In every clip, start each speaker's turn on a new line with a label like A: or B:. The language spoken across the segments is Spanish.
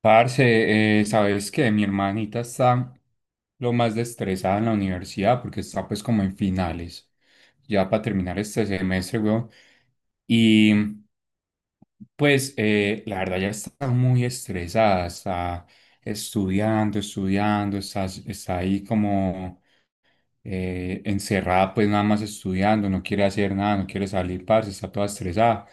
A: Parce, sabes que mi hermanita está lo más estresada en la universidad porque está pues como en finales, ya para terminar este semestre, weón. Y pues la verdad ya está muy estresada, está estudiando, está ahí como encerrada pues nada más estudiando, no quiere hacer nada, no quiere salir, parce, está toda estresada.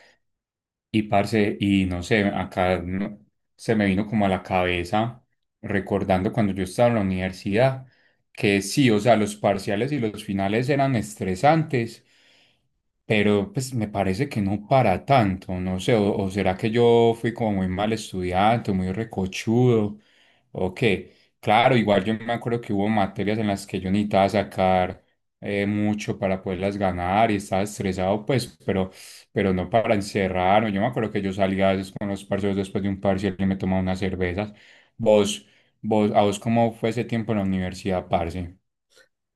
A: Y parce, y no sé, acá no- se me vino como a la cabeza recordando cuando yo estaba en la universidad que sí, o sea, los parciales y los finales eran estresantes, pero pues me parece que no para tanto, no sé, o será que yo fui como muy mal estudiante, muy recochudo, o qué. Claro, igual yo me acuerdo que hubo materias en las que yo necesitaba sacar mucho para poderlas ganar y estaba estresado, pues, pero no para encerrar. Yo me acuerdo que yo salía a veces con los parceros después de un parcial y me tomaba unas cervezas. Vos, vos, ¿a vos cómo fue ese tiempo en la universidad, parce?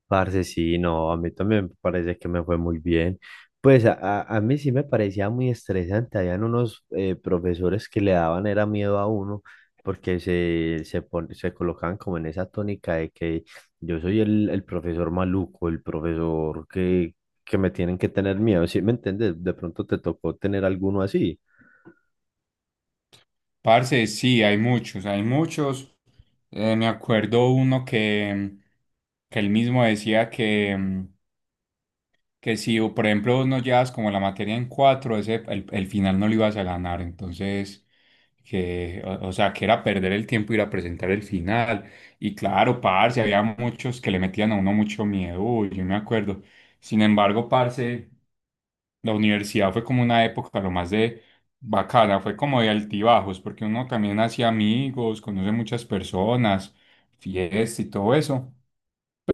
B: Parce, sí, no, a mí también me parece que me fue muy bien. Pues a mí sí me parecía muy estresante. Habían unos profesores que le daban era miedo a uno porque se colocaban como en esa tónica de que yo soy el profesor maluco, el profesor que me tienen que tener miedo. ¿Sí me entiendes? De pronto te tocó tener alguno así.
A: Parce, sí, hay muchos, hay muchos. Me acuerdo uno que él mismo decía que que si, o por ejemplo, no llevas como la materia en cuatro, el final no lo ibas a ganar. Entonces, o sea, que era perder el tiempo ir a presentar el final. Y claro, parce, había muchos que le metían a uno mucho miedo, uy, yo me acuerdo. Sin embargo, parce, la universidad fue como una época lo más de bacana, fue como de altibajos, porque uno también hacía amigos, conoce muchas personas, fiestas y todo eso,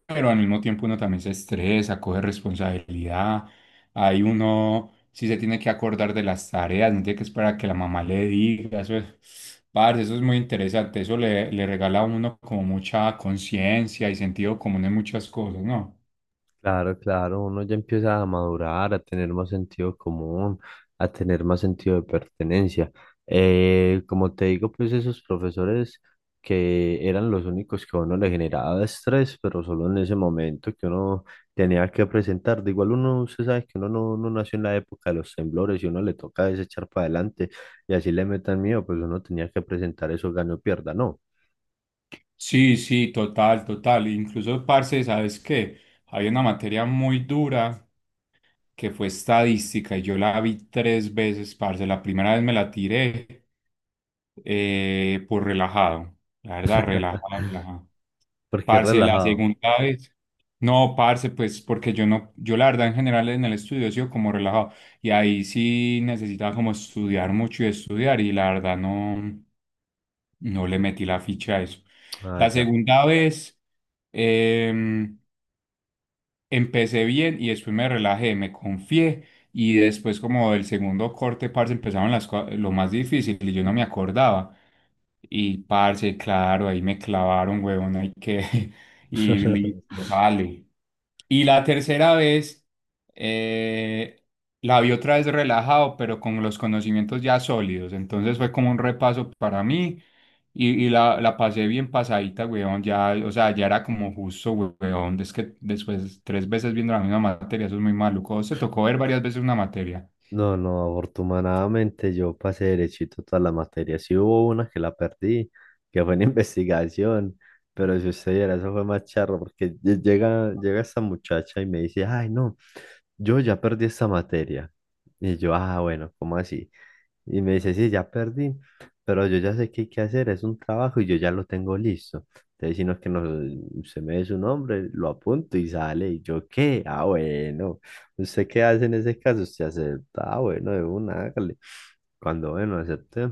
A: pero al mismo tiempo uno también se estresa, coge responsabilidad. Ahí uno sí se tiene que acordar de las tareas, no tiene que esperar a que la mamá le diga. Eso es, parce, eso es muy interesante. Le regala a uno como mucha conciencia y sentido común en muchas cosas, ¿no?
B: Claro, claro, uno ya empieza a madurar, a tener más sentido común, a tener más sentido de pertenencia. Como te digo, pues esos profesores que eran los únicos que a uno le generaba estrés, pero solo en ese momento que uno tenía que presentar. De igual uno, usted sabe que uno no nació en la época de los temblores y uno le toca desechar para adelante y así le metan miedo, pues uno tenía que presentar eso, gane o pierda, no,
A: Sí, sí, total, total. Incluso, parce, ¿sabes qué? Había una materia muy dura que fue estadística y yo la vi tres veces, parce. La primera vez me la tiré. Pues relajado, la verdad, relajado.
B: porque es
A: Parce, la
B: relajado.
A: segunda vez. No, parce, pues porque yo no, yo la verdad en general en el estudio he sido como relajado y ahí sí necesitaba como estudiar mucho y estudiar y la verdad no, no le metí la ficha a eso.
B: Ah,
A: La
B: ya.
A: segunda vez em, empecé bien y después me relajé, me confié y después como del segundo corte, parce, empezaron lo más difícil y yo no me acordaba. Y parce, claro, ahí me clavaron, huevón, hay que. Y listo, sale. Y la tercera vez, eh, la vi otra vez relajado, pero con los conocimientos ya sólidos. Entonces fue como un repaso para mí. La pasé bien pasadita, huevón. Ya, o sea, ya era como justo, huevón. Es que después, tres veces viendo la misma materia, eso es muy maluco. ¿A vos te tocó ver varias veces una materia?
B: No, no, afortunadamente yo pasé derechito todas las materias. Sí hubo una que la perdí, que fue en investigación, pero si usted viera, eso fue más charro, porque llega esta muchacha y me dice, ay, no, yo ya perdí esta materia. Y yo, ah, bueno, ¿cómo así? Y me dice, sí, ya perdí, pero yo ya sé qué hay que hacer, es un trabajo y yo ya lo tengo listo. Entonces, si no es que no, se me dé su nombre, lo apunto y sale. Y yo, ¿qué? Ah, bueno. ¿Usted qué hace en ese caso? Usted acepta, ah, bueno, de una, hágale. Cuando, bueno, acepté.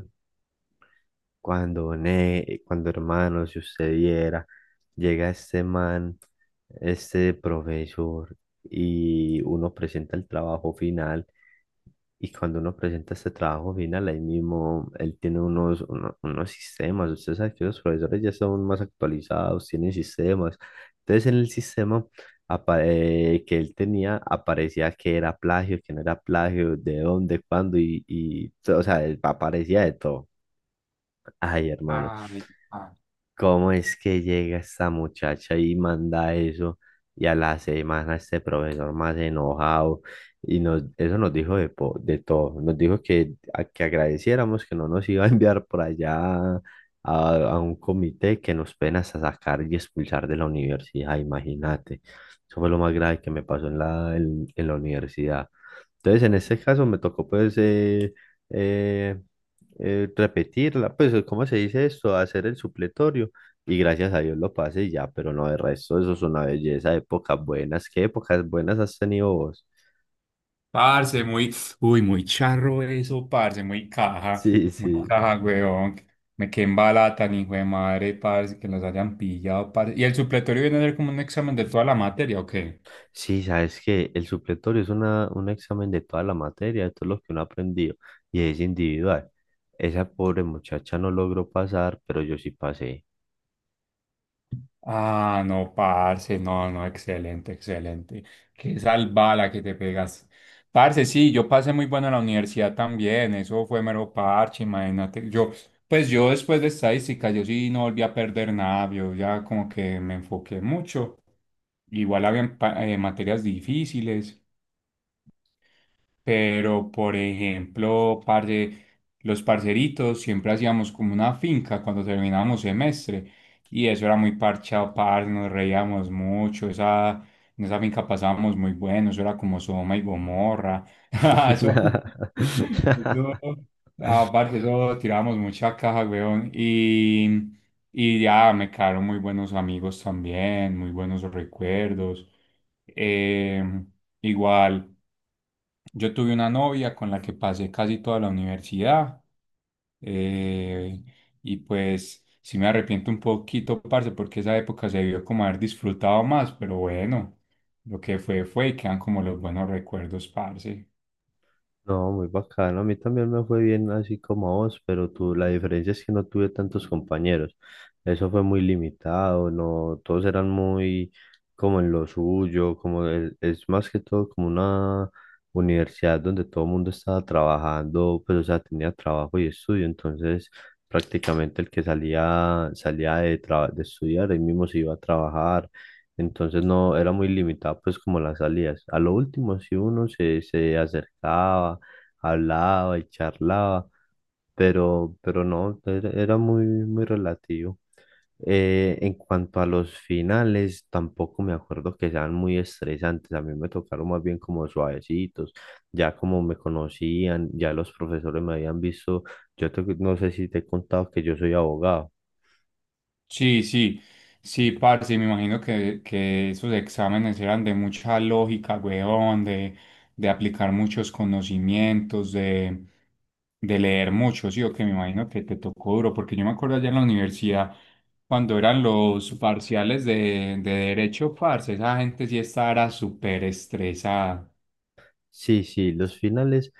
B: Cuando, hermano, si usted viera, llega este man, este profesor, y uno presenta el trabajo final. Y cuando uno presenta este trabajo final, ahí mismo él tiene unos sistemas. Usted sabe que los profesores ya son más actualizados, tienen sistemas. Entonces, en el sistema que él tenía, aparecía que era plagio, que no era plagio, de dónde, cuándo, y, o sea, aparecía de todo. Ay, hermano.
A: Ay,
B: ¿Cómo es que llega esta muchacha y manda eso? Y a la semana este profesor más enojado. Y nos, eso nos dijo de todo. Nos dijo que, que agradeciéramos que no nos iba a enviar por allá a, a un comité que nos ven hasta sacar y expulsar de la universidad. Imagínate. Eso fue lo más grave que me pasó en la, en la universidad. Entonces, en este caso me tocó pues eh, repetirla, pues ¿cómo se dice esto? Hacer el supletorio y gracias a Dios lo pasé y ya, pero no, de resto eso es una belleza, épocas buenas, ¿qué épocas buenas has tenido vos?
A: parce, muy, uy, muy charro eso, parce,
B: Sí,
A: muy
B: sí.
A: caja, weón. Me quedé en bala tan hijo de madre, parce, que los hayan pillado, parce. ¿Y el supletorio viene a ser como un examen de toda la materia o qué?
B: Sí, sabes que el supletorio es un examen de toda la materia, de todo lo que uno ha aprendido y es individual. Esa pobre muchacha no logró pasar, pero yo sí pasé.
A: Ah, no, parce, no, no, excelente, excelente. Qué salvada que te pegas. Parce, sí, yo pasé muy bueno en la universidad también, eso fue mero parche, imagínate. Yo, pues yo después de estadística, yo sí no volví a perder nada, yo ya como que me enfoqué mucho. Igual había materias difíciles. Pero, por ejemplo, parce, los parceritos siempre hacíamos como una finca cuando terminábamos semestre. Y eso era muy parchado, parce, nos reíamos mucho. En esa finca pasábamos muy bueno. Eso era como Sodoma y Gomorra. Eso, eso, ah, parce, eso tirábamos mucha caja, weón. Y ya me quedaron muy buenos amigos también, muy buenos recuerdos. Em, Igual. Yo tuve una novia con la que pasé casi toda la universidad, eh, y pues sí me arrepiento un poquito, parce, porque esa época se vio como haber disfrutado más, pero bueno, lo que fue fue y quedan como los buenos recuerdos, parce.
B: No, muy bacano. A mí también me fue bien así como a vos, pero tú, la diferencia es que no tuve tantos compañeros. Eso fue muy limitado, no, todos eran muy como en lo suyo, como es más que todo como una universidad donde todo el mundo estaba trabajando, pues o sea, tenía trabajo y estudio, entonces prácticamente el que salía, salía de estudiar, él mismo se iba a trabajar. Entonces no, era muy limitado pues como las salidas. A lo último si uno se acercaba hablaba y charlaba, pero no, era muy, muy relativo. En cuanto a los finales, tampoco me acuerdo que sean muy estresantes. A mí me tocaron más bien como suavecitos. Ya como me conocían, ya los profesores me habían visto. No sé si te he contado que yo soy abogado.
A: Sí, sí, sí, parce, me imagino que esos exámenes eran de mucha lógica, weón, de aplicar muchos conocimientos, de leer mucho, sí, o que me imagino que te tocó duro, porque yo me acuerdo allá en la universidad, cuando eran los parciales de derecho, parce, esa gente sí estaba era súper estresada.
B: Sí, sí, los finales,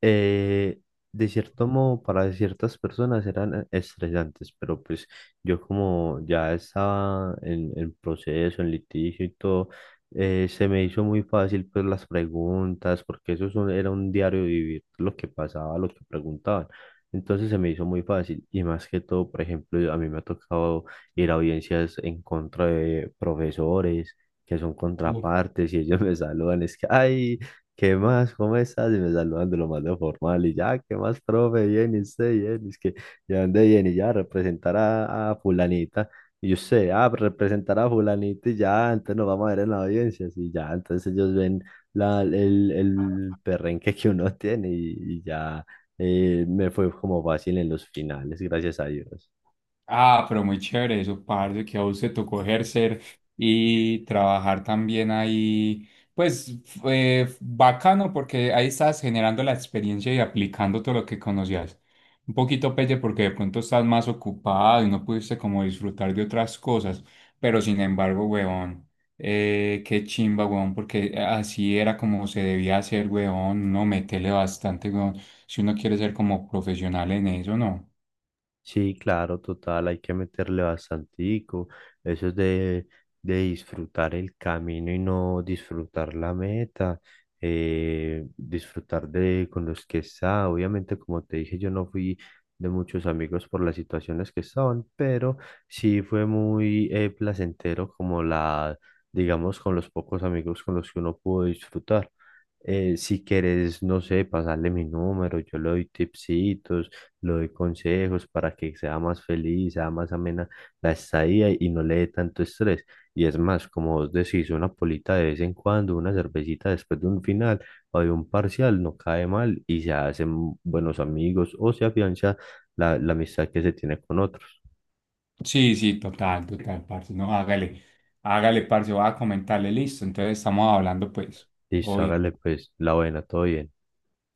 B: eh, de cierto modo, para ciertas personas eran estresantes, pero pues yo como ya estaba en proceso, en litigio y todo, se me hizo muy fácil pues las preguntas, porque eso es era un diario vivir, lo que pasaba, lo que preguntaban. Entonces se me hizo muy fácil y más que todo, por ejemplo, a mí me ha tocado ir a audiencias en contra de profesores que son contrapartes y ellos me saludan, es que, ay, ¿qué más? ¿Cómo estás? Y me saludan de lo más de formal y ya, ¿qué más, profe? Bien, y usted, bien, es que ya ande bien. Y ya, representar a fulanita. Y usted, ah, representar a fulanita y ya, entonces nos vamos a ver en la audiencia, y ya, entonces ellos ven la, el, el perrenque que uno tiene y ya me fue como fácil en los finales, gracias a Dios.
A: Ah, pero muy chévere eso, parce, que a usted tocó ejercer y trabajar también ahí. Pues fue bacano porque ahí estás generando la experiencia y aplicando todo lo que conocías. Un poquito pelle porque de pronto estás más ocupado y no pudiste como disfrutar de otras cosas, pero sin embargo, huevón, qué chimba, huevón, porque así era como se debía hacer, huevón, no metele bastante, huevón, si uno quiere ser como profesional en eso, ¿no?
B: Sí, claro, total, hay que meterle bastantico. Eso es de disfrutar el camino y no disfrutar la meta, disfrutar de con los que está. Obviamente, como te dije, yo no fui de muchos amigos por las situaciones que estaban, pero sí fue muy placentero como digamos, con los pocos amigos con los que uno pudo disfrutar. Si quieres, no sé, pasarle mi número, yo le doy tipsitos le doy consejos para que sea más feliz, sea más amena la estadía y no le dé tanto estrés. Y es más, como vos decís, una polita de vez en cuando, una cervecita después de un final o de un parcial no cae mal y se hacen buenos amigos o se afianza la amistad que se tiene con otros.
A: Sí, sí, total, total, parce. No, hágale, hágale, parce, voy a comentarle, listo. Entonces estamos hablando, pues,
B: Y
A: obvio.
B: hágale pues la buena, todo bien.